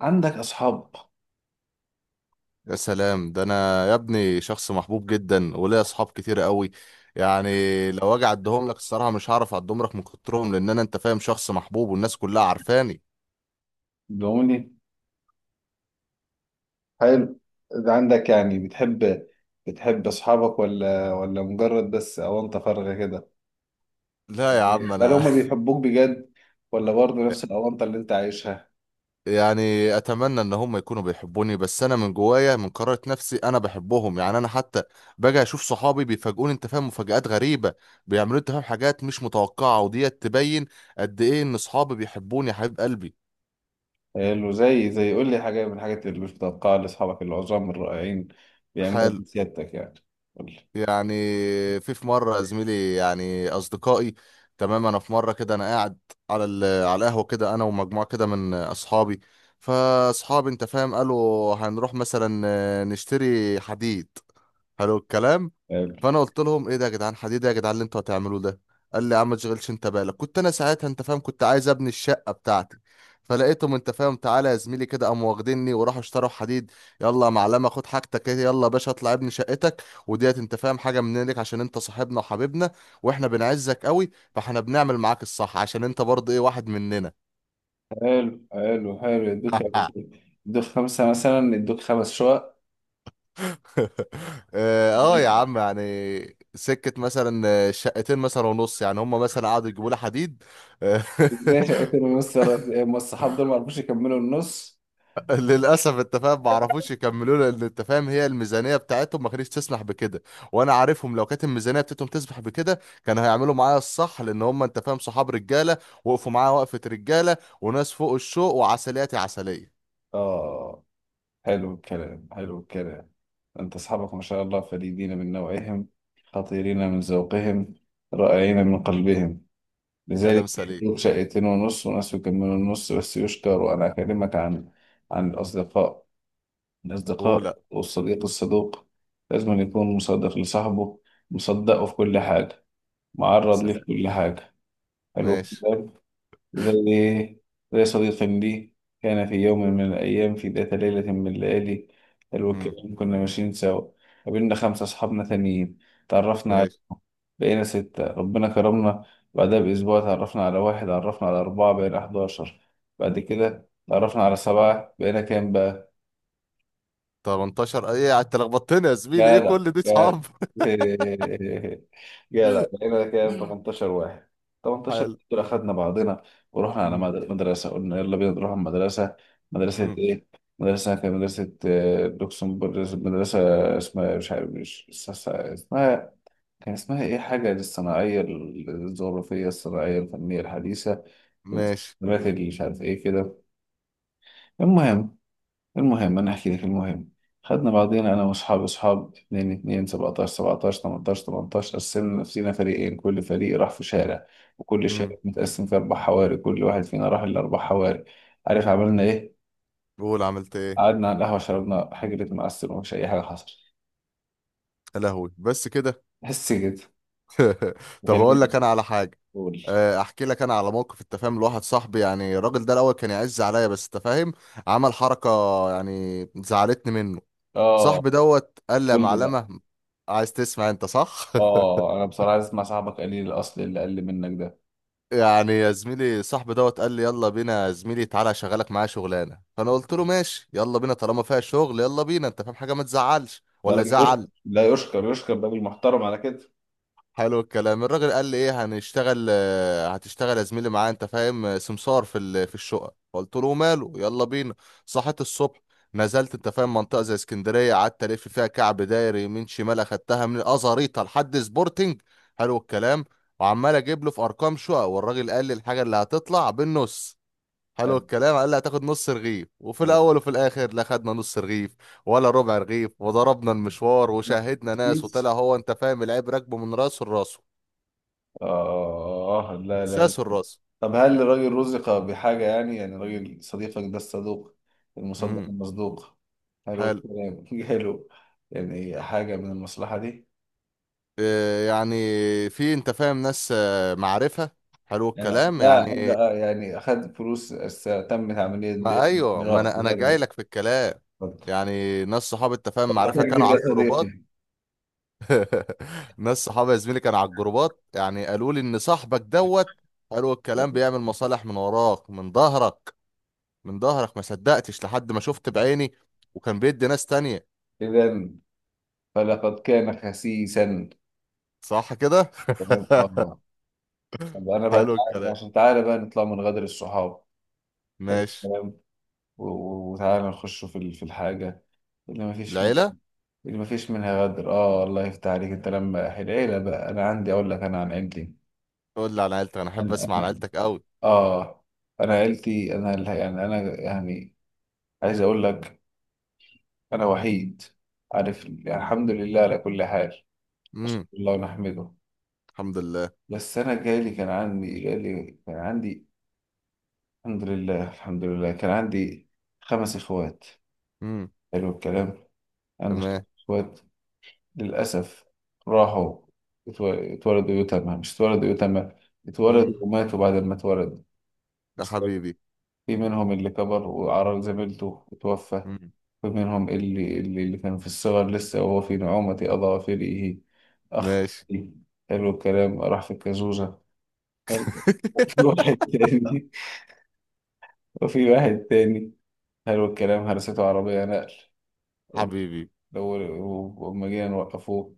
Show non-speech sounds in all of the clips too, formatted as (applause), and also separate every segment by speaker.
Speaker 1: عندك أصحاب؟
Speaker 2: يا سلام، ده انا يا ابني شخص محبوب جدا وليا اصحاب كتير قوي. يعني لو اجي اعدهم لك الصراحه مش هعرف اعدهم لك من كترهم، لان انا انت فاهم شخص محبوب والناس كلها عارفاني.
Speaker 1: بيقولي حلو. ده عندك يعني بتحب، بتحب أصحابك ولا مجرد بس أونطة فارغة كده؟
Speaker 2: لا يا عم
Speaker 1: هل
Speaker 2: انا
Speaker 1: هما
Speaker 2: (laughs)
Speaker 1: بيحبوك بجد، ولا برضه نفس الأونطة اللي أنت عايشها؟
Speaker 2: يعني اتمنى ان هم يكونوا بيحبوني، بس انا من جوايا من قرارة نفسي انا بحبهم، يعني انا حتى باجي اشوف صحابي بيفاجئوني انت فاهم مفاجآت غريبة، بيعملوا انت فاهم حاجات مش متوقعة وديت تبين قد ايه ان صحابي بيحبوني يا حبيب قلبي.
Speaker 1: حلو. زي قول لي حاجة من الحاجات اللي مش متوقعها لأصحابك العظام الرائعين بيعملوها
Speaker 2: حلو،
Speaker 1: بسيادتك، يعني. قول لي.
Speaker 2: يعني في مرة يا زميلي يعني أصدقائي، تمام. أنا في مرة كده أنا قاعد على القهوة كده أنا ومجموعة كده من أصحابي، فأصحابي أنت فاهم قالوا هنروح مثلا نشتري حديد. حلو الكلام،
Speaker 1: حلو
Speaker 2: فانا قلت لهم ايه ده يا جدعان، حديد إيه يا جدعان اللي انتوا هتعملوه ده؟ قال لي يا عم ما تشغلش انت بالك، كنت انا ساعتها انت فاهم كنت عايز ابني الشقه بتاعتي، فلقيتهم انت فاهم تعالى يا زميلي كده قاموا واخديني وراحوا اشتروا حديد. يلا يا معلمه خد حاجتك ايه، يلا يا باشا اطلع ابني شقتك وديت انت فاهم حاجه منك عشان انت صاحبنا وحبيبنا واحنا بنعزك قوي، فاحنا بنعمل معاك الصح عشان انت برضه ايه واحد مننا.
Speaker 1: حلو. يدوك يا باشا.
Speaker 2: (laughs)
Speaker 1: يدوك خمسة مثلا، يدوك خمس شقق.
Speaker 2: (laughs) اه آه يا عم، يعني سكة مثلا، شقتين مثلا ونص، يعني هم مثلا قعدوا يجيبوا لي حديد. آه، (laughs)
Speaker 1: ازاي شقتين ونص؟ الصحاب دول (laughs) ما عرفوش يكملوا النص؟
Speaker 2: للأسف انت فاهم ما عرفوش يكملوا لي، لأن انت فاهم هي الميزانية بتاعتهم ما كانتش تسمح بكده، وأنا عارفهم لو كانت الميزانية بتاعتهم تسمح بكده كانوا هيعملوا معايا الصح، لأن هم انت فاهم صحاب رجالة، وقفوا معايا وقفة رجالة وناس فوق الشوق وعسلياتي عسلية.
Speaker 1: اه، حلو الكلام، حلو الكلام. أنت أصحابك ما شاء الله فريدين من نوعهم، خطيرين من ذوقهم، رائعين من قلبهم،
Speaker 2: كلام
Speaker 1: لذلك
Speaker 2: سليم.
Speaker 1: يدوك شقيتين ونص، وناس يكملوا النص. بس يشكر، أنا أكلمك عن الأصدقاء. الأصدقاء
Speaker 2: ولا.
Speaker 1: والصديق الصدوق لازم أن يكون مصدق لصاحبه، مصدقه في كل حاجة، معرض ليه في
Speaker 2: سلام.
Speaker 1: كل حاجة. حلو
Speaker 2: ماشي.
Speaker 1: الكلام. زي إيه؟ زي صديق لي، كان في يوم من الأيام، في ذات ليلة من الليالي، حلو
Speaker 2: مم.
Speaker 1: الكلام، كنا ماشيين سوا، قابلنا خمسة أصحابنا تانيين، تعرفنا على،
Speaker 2: ماشي.
Speaker 1: بقينا ستة، ربنا كرمنا. بعدها بأسبوع تعرفنا على واحد، عرفنا على أربعة، بقينا 11. بعد كده تعرفنا على سبعة، بقينا كام بقى؟
Speaker 2: 18 ايه؟ انت لخبطتني يا زميلي، ايه
Speaker 1: جدع
Speaker 2: كل دي
Speaker 1: جدع،
Speaker 2: صحاب؟
Speaker 1: (laughs) جدع، لقينا كام،
Speaker 2: (laughs)
Speaker 1: 18 واحد. 18
Speaker 2: حلو.
Speaker 1: دول اخدنا بعضنا، ورحنا على
Speaker 2: مم.
Speaker 1: مدرسه قلنا يلا بينا نروح على المدرسه. مدرسه
Speaker 2: مم.
Speaker 1: ايه؟ مدرسه، كانت مدرسه لوكسمبورغ، مدرسه اسمها مش عارف، مش اس- اسمها كان اسمها ايه، حاجه الصناعيه الجغرافيه الصناعيه الفنيه الحديثه،
Speaker 2: ماشي.
Speaker 1: المدرسة اللي مش عارف ايه كده. المهم المهم، انا احكي لك المهم. خدنا بعضينا انا واصحابي اصحاب 2 2 17 17 18 18، قسمنا نفسينا فريقين، كل فريق راح في شارع، وكل شارع
Speaker 2: مم.
Speaker 1: متقسم في اربع حواري، كل واحد فينا راح الاربع حواري. عارف عملنا ايه؟
Speaker 2: قول عملت ايه.
Speaker 1: قعدنا على القهوه، شربنا حجرة معسل، ومش اي حاجه حصلت.
Speaker 2: يا لهوي، بس كده؟
Speaker 1: بس كده.
Speaker 2: (laughs) طب اقول لك
Speaker 1: كلمني،
Speaker 2: انا على حاجه.
Speaker 1: قول.
Speaker 2: احكي لك انا على موقف التفاهم لواحد صاحبي، يعني الراجل ده الاول كان يعز عليا بس تفاهم عمل حركه، يعني زعلتني منه.
Speaker 1: اه،
Speaker 2: صاحبي دوت قال لي يا
Speaker 1: قول لي بقى.
Speaker 2: معلمه، عايز تسمع انت صح؟ (laughs)
Speaker 1: اه، انا بصراحه عايز اسمع صاحبك قليل الاصل اللي اقل منك ده.
Speaker 2: يعني يا زميلي صاحبي دوت قال لي يلا بينا يا زميلي تعالى اشغلك معايا شغلانه، فانا قلت له ماشي يلا بينا طالما فيها شغل، يلا بينا انت فاهم حاجه ما تزعلش
Speaker 1: ده
Speaker 2: ولا
Speaker 1: راجل يشكر.
Speaker 2: زعل.
Speaker 1: لا، يشكر يشكر ده بالمحترم على كده.
Speaker 2: حلو الكلام، الراجل قال لي ايه هنشتغل؟ هتشتغل يا زميلي معايا انت فاهم سمسار في الشقه، قلت له ماله يلا بينا. صحيت الصبح، نزلت انت فاهم منطقه زي اسكندريه، قعدت الف فيها كعب دايري يمين شمال، اخدتها من الازاريطه لحد سبورتنج. حلو الكلام، وعمال اجيب له في ارقام شقق، والراجل قال لي الحاجه اللي هتطلع بالنص. حلو
Speaker 1: حلو،
Speaker 2: الكلام، قال لي هتاخد نص رغيف، وفي
Speaker 1: حلو.
Speaker 2: الاول وفي الاخر لا خدنا نص رغيف ولا ربع رغيف وضربنا المشوار وشاهدنا
Speaker 1: كتير.
Speaker 2: ناس، وطلع هو انت فاهم العيب راكبه من راسه لراسه،
Speaker 1: آه، لا
Speaker 2: من
Speaker 1: لا
Speaker 2: ساسه
Speaker 1: لا.
Speaker 2: لراسه.
Speaker 1: طب هل الراجل رزق بحاجة؟ يعني راجل صديقك ده الصدوق المصدق
Speaker 2: امم.
Speaker 1: المصدوق، حلو
Speaker 2: حلو.
Speaker 1: الكلام، (laughs) جاله يعني حاجة من المصلحة دي؟
Speaker 2: آه يعني في انت فاهم ناس معرفة. حلو
Speaker 1: يعني
Speaker 2: الكلام،
Speaker 1: لا
Speaker 2: يعني
Speaker 1: أدى- يعني تمت عملية بيع
Speaker 2: ما ايوه، ما
Speaker 1: وشراء في
Speaker 2: انا انا
Speaker 1: هذا
Speaker 2: جاي
Speaker 1: الوقت.
Speaker 2: لك في الكلام، يعني ناس صحاب انت فاهم
Speaker 1: وما
Speaker 2: معرفة كانوا
Speaker 1: تكذب يا
Speaker 2: على
Speaker 1: صديقي.
Speaker 2: الجروبات. (laughs) ناس صحابي يا زميلي كانوا على الجروبات، يعني قالوا لي ان صاحبك دوت قالوا الكلام بيعمل مصالح من وراك، من ظهرك، من ظهرك، ما صدقتش لحد ما شفت بعيني، وكان بيدي ناس تانية.
Speaker 1: إذا فلقد كان خسيسا.
Speaker 2: صح كده.
Speaker 1: تمام،
Speaker 2: (laughs)
Speaker 1: آه. طب أنا بقى،
Speaker 2: حلو الكلام.
Speaker 1: عشان تعالى بقى نطلع من غدر الصحاب. حلو
Speaker 2: ماشي.
Speaker 1: الكلام. و- و- وتعالى نخش في الحاجة اللي
Speaker 2: العيلة.
Speaker 1: اللي مفيش منها غدر. اه، الله يفتح عليك. انت لما العيلة بقى، انا عندي اقول لك انا عن عيلتي.
Speaker 2: قول لي عن عيلتك، انا احب
Speaker 1: انا
Speaker 2: اسمع عن
Speaker 1: انا
Speaker 2: عيلتك قوي.
Speaker 1: اه، انا عيلتي انا يعني انا، يعني عايز اقول لك، انا وحيد، عارف؟ يعني الحمد لله على كل حال، نشكر
Speaker 2: امم.
Speaker 1: الله ونحمده.
Speaker 2: الحمد لله.
Speaker 1: بس انا جالي كان عندي، الحمد لله الحمد لله، كان عندي خمس اخوات.
Speaker 2: امم.
Speaker 1: حلو الكلام. عندي خمس
Speaker 2: تمام.
Speaker 1: اخوات. للأسف راحوا. اتو- اتولدوا يتامى، مش اتولدوا يتامى، اتولدوا
Speaker 2: امم.
Speaker 1: وماتوا بعد ما اتولدوا.
Speaker 2: ده
Speaker 1: أصلاً،
Speaker 2: حبيبي.
Speaker 1: في منهم اللي كبر وعرى زميلته وتوفى.
Speaker 2: امم.
Speaker 1: في منهم اللي كان في الصغر لسه، وهو في نعومة أضاء فريقه، أخ.
Speaker 2: ماشي.
Speaker 1: حلو الكلام، راح في الكازوزة. حلو. وفي
Speaker 2: (laughs)
Speaker 1: واحد تاني وفي واحد تاني، حلو الكلام، هرسته عربية نقل.
Speaker 2: حبيبي.
Speaker 1: لو، لما جينا نوقفوه،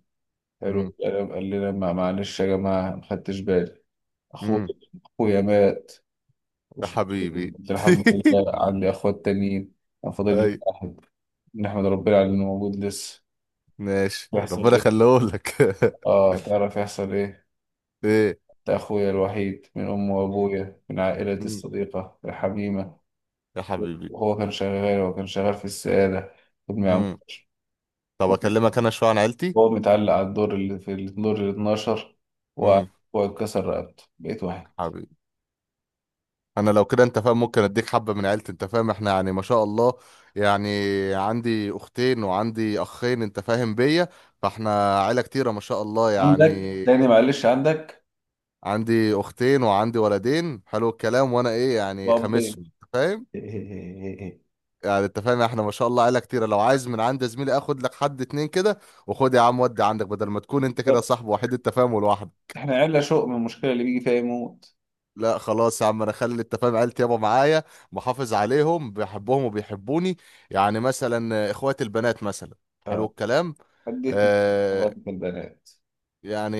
Speaker 1: حلو
Speaker 2: امم.
Speaker 1: الكلام، قال لنا، معلش يا جماعة، ما خدتش بالي. اخويا
Speaker 2: امم.
Speaker 1: اخويا مات،
Speaker 2: ده
Speaker 1: مش مشكلة.
Speaker 2: حبيبي.
Speaker 1: قلت له الحمد
Speaker 2: (laughs)
Speaker 1: لله، عندي اخوات تانيين، انا فاضل لي
Speaker 2: اي.
Speaker 1: واحد، نحمد ربنا على انه موجود لسه.
Speaker 2: ماشي
Speaker 1: يحصل
Speaker 2: ربنا
Speaker 1: ايه؟
Speaker 2: يخليهولك.
Speaker 1: اه، تعرف يحصل ايه؟
Speaker 2: (laughs) ايه.
Speaker 1: ده اخويا الوحيد من امي
Speaker 2: مم.
Speaker 1: وابويا، من عائلتي
Speaker 2: مم.
Speaker 1: الصديقة الحميمة.
Speaker 2: يا حبيبي.
Speaker 1: وهو كان شغال، في السعادة، خدمة عمومية.
Speaker 2: مم. طب اكلمك انا شويه عن عيلتي.
Speaker 1: هو متعلق على الدور، اللي في الدور ال 12، وهو
Speaker 2: مم.
Speaker 1: اتكسر رقبته، بقيت واحد.
Speaker 2: حبيبي، انا لو كده انت فاهم ممكن اديك حبه من عيلتي، انت فاهم احنا يعني ما شاء الله، يعني عندي اختين وعندي اخين انت فاهم بيا، فاحنا عيله كتيره ما شاء الله،
Speaker 1: عندك
Speaker 2: يعني
Speaker 1: تاني؟ معلش، عندك،
Speaker 2: عندي اختين وعندي ولدين حلو الكلام، وانا ايه يعني
Speaker 1: وابين.
Speaker 2: خامسهم انت فاهم،
Speaker 1: (laughs)
Speaker 2: يعني انت فاهم احنا ما شاء الله عيله كتيره، لو عايز من عند زميلي اخد لك حد اتنين كده وخد يا عم ودي عندك، بدل ما تكون انت كده صاحب وحيد التفاهم لوحدك.
Speaker 1: احنا عيلة شوق، من المشكلة اللي بيجي فيها يموت.
Speaker 2: لا خلاص يا عم، انا اخلي التفاهم عيلتي يابا معايا، محافظ عليهم بحبهم وبيحبوني. يعني مثلا اخوات البنات مثلا، حلو
Speaker 1: اه،
Speaker 2: الكلام،
Speaker 1: حديت من مرات
Speaker 2: آه
Speaker 1: البنات.
Speaker 2: يعني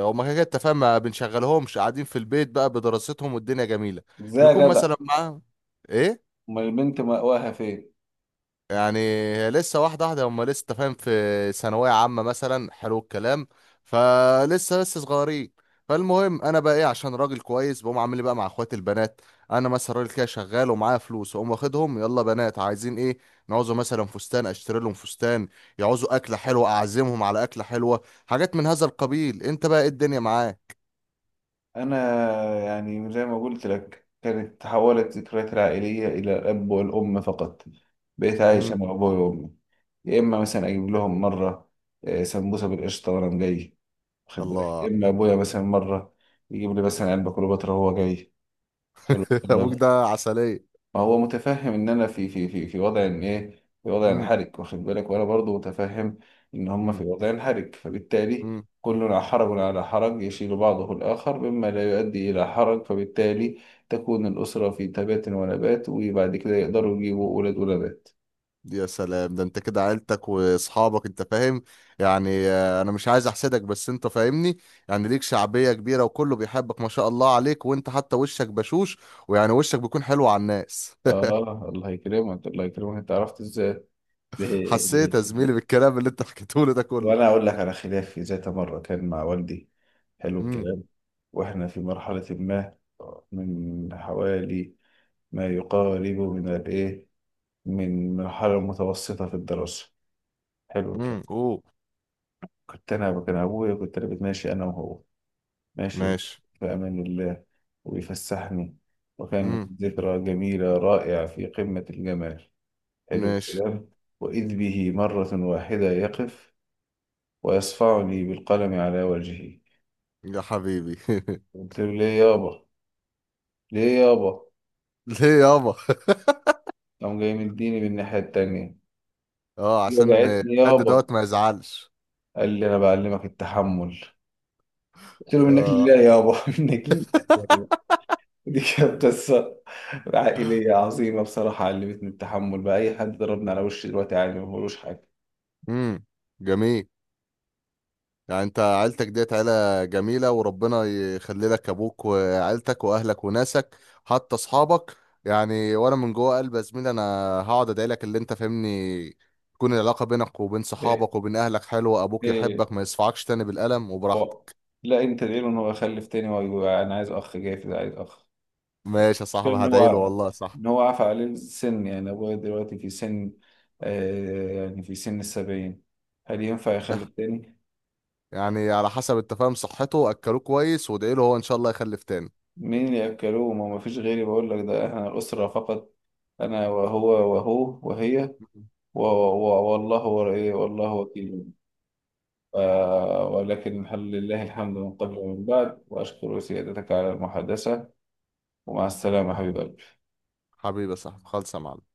Speaker 2: هما كده كده التفاهم ما بنشغلهمش، قاعدين في البيت بقى بدراستهم والدنيا جميله،
Speaker 1: ازاي يا
Speaker 2: بيكون
Speaker 1: جدع،
Speaker 2: مثلا معاهم، ايه
Speaker 1: امال البنت مأواها فين؟
Speaker 2: يعني هي لسه واحدة واحدة، هم لسه أنت فاهم في ثانوية عامة مثلا، حلو الكلام، فلسه صغيرين. فالمهم انا بقى ايه عشان راجل كويس بقوم عامل لي بقى مع اخواتي البنات، انا مثلا راجل كده شغال ومعايا فلوس، واقوم واخدهم يلا بنات عايزين ايه، نعوزوا مثلا فستان اشتري لهم فستان، يعوزوا اكله حلوه اعزمهم على اكله حلوه، حاجات من هذا القبيل انت بقى ايه الدنيا معاك.
Speaker 1: انا، يعني زي ما قلت لك، كانت تحولت ذكرياتي العائلية الى الاب والام فقط، بقيت عايش
Speaker 2: امم.
Speaker 1: انا وابوي وامي. يا اما مثلا اجيب لهم مرة سمبوسة بالقشطة وانا جاي، واخد بالك؟ يا
Speaker 2: الله.
Speaker 1: اما ابويا مثلا مرة يجيب لي مثلا علبة كليوباترا وهو جاي. حلو.
Speaker 2: (laughs) ابوك ده عسليه.
Speaker 1: ما هو متفهم ان انا في وضع ان ايه، في وضع انحرج، واخد بالك؟ وانا برضو متفهم ان هم في وضع انحرج، فبالتالي
Speaker 2: امم.
Speaker 1: كلنا حرج على حرج يشيل بعضه الاخر، مما لا يؤدي الى حرج، فبالتالي تكون الاسره في تبات ونبات، وبعد كده يقدروا يجيبوا اولاد ونبات.
Speaker 2: يا سلام ده انت كده عيلتك واصحابك انت فاهم، يعني انا مش عايز احسدك بس انت فاهمني، يعني ليك شعبية كبيرة وكله بيحبك ما شاء الله عليك، وانت حتى وشك بشوش ويعني وشك بيكون حلو على الناس.
Speaker 1: اه، الله يكرمك الله يكرمك، انت عرفت ازاي؟
Speaker 2: (laughs) حسيت يا زميلي
Speaker 1: (laughs)
Speaker 2: بالكلام اللي انت حكيته لي ده كله.
Speaker 1: وانا اقول لك على خلافي ذات مره كان مع والدي، حلو
Speaker 2: امم.
Speaker 1: الكلام، واحنا في مرحله ما، من حوالي، ما يقارب من الايه، من مرحله متوسطه في الدراسه، حلو
Speaker 2: امم.
Speaker 1: الكلام.
Speaker 2: اوه.
Speaker 1: كنت انا ماشي انا وهو، ماشي،
Speaker 2: ماشي.
Speaker 1: في امان الله، ويفسحني، وكانت
Speaker 2: امم.
Speaker 1: ذكرى جميله رائعه في قمه الجمال، حلو
Speaker 2: ماشي.
Speaker 1: الكلام. واذ به مره واحده يقف، ويصفعني بالقلم على وجهي.
Speaker 2: يا حبيبي. (laughs)
Speaker 1: قلت له ليه يابا، ليه يابا.
Speaker 2: ليه يابا؟
Speaker 1: قام جاي مديني من الناحية التانية.
Speaker 2: (laughs) اه عشان
Speaker 1: وجعتني
Speaker 2: حد
Speaker 1: يابا.
Speaker 2: دوت ما يزعلش.
Speaker 1: قال لي أنا بعلمك التحمل. قلت له منك
Speaker 2: اه.
Speaker 1: لله يابا، (laughs) منك لله يابا. دي كانت قصة عائلية عظيمة بصراحة، علمتني التحمل، بقى أي حد ضربني على وشي دلوقتي عادي، ما بقولوش حاجة.
Speaker 2: امم. جميل، يعني انت عيلتك ديت عيلة جميلة، وربنا يخلي لك ابوك وعيلتك واهلك وناسك حتى اصحابك، يعني وانا من جوه قلبي يا زميلي انا هقعد ادعي لك اللي انت فاهمني تكون العلاقة بينك وبين
Speaker 1: إيه
Speaker 2: صحابك وبين اهلك حلوة، ابوك
Speaker 1: إيه
Speaker 2: يحبك ما يصفعكش تاني بالقلم
Speaker 1: بقى.
Speaker 2: وبراحتك.
Speaker 1: لا، أنت ليه؟ أنا بخلف تاني، وأنا عايز أخ، جاي في ده عايز أخ.
Speaker 2: ماشي يا
Speaker 1: مشكلة
Speaker 2: صاحبي هدعي له والله صح.
Speaker 1: ان هو عفى عليه السن، يعني ابويا دلوقتي في سن، يعني في سن السبعين، هل ينفع
Speaker 2: ده
Speaker 1: يخلف تاني؟
Speaker 2: يعني على حسب التفاهم صحته، اكلوه كويس وادعي له هو ان شاء الله يخلف تاني.
Speaker 1: مين اللي يأكلوه؟ ما فيش غيري، بقول لك ده احنا أسرة فقط، انا وهو، وهو وهي،
Speaker 2: (laughs)
Speaker 1: إيه والله وكيل، ف- ولكن هل لله الحمد من قبل ومن بعد، واشكر سيادتك على المحادثة، ومع السلامة حبيب قلبي.
Speaker 2: حبيبي يا صاحبي خالص يا معلم.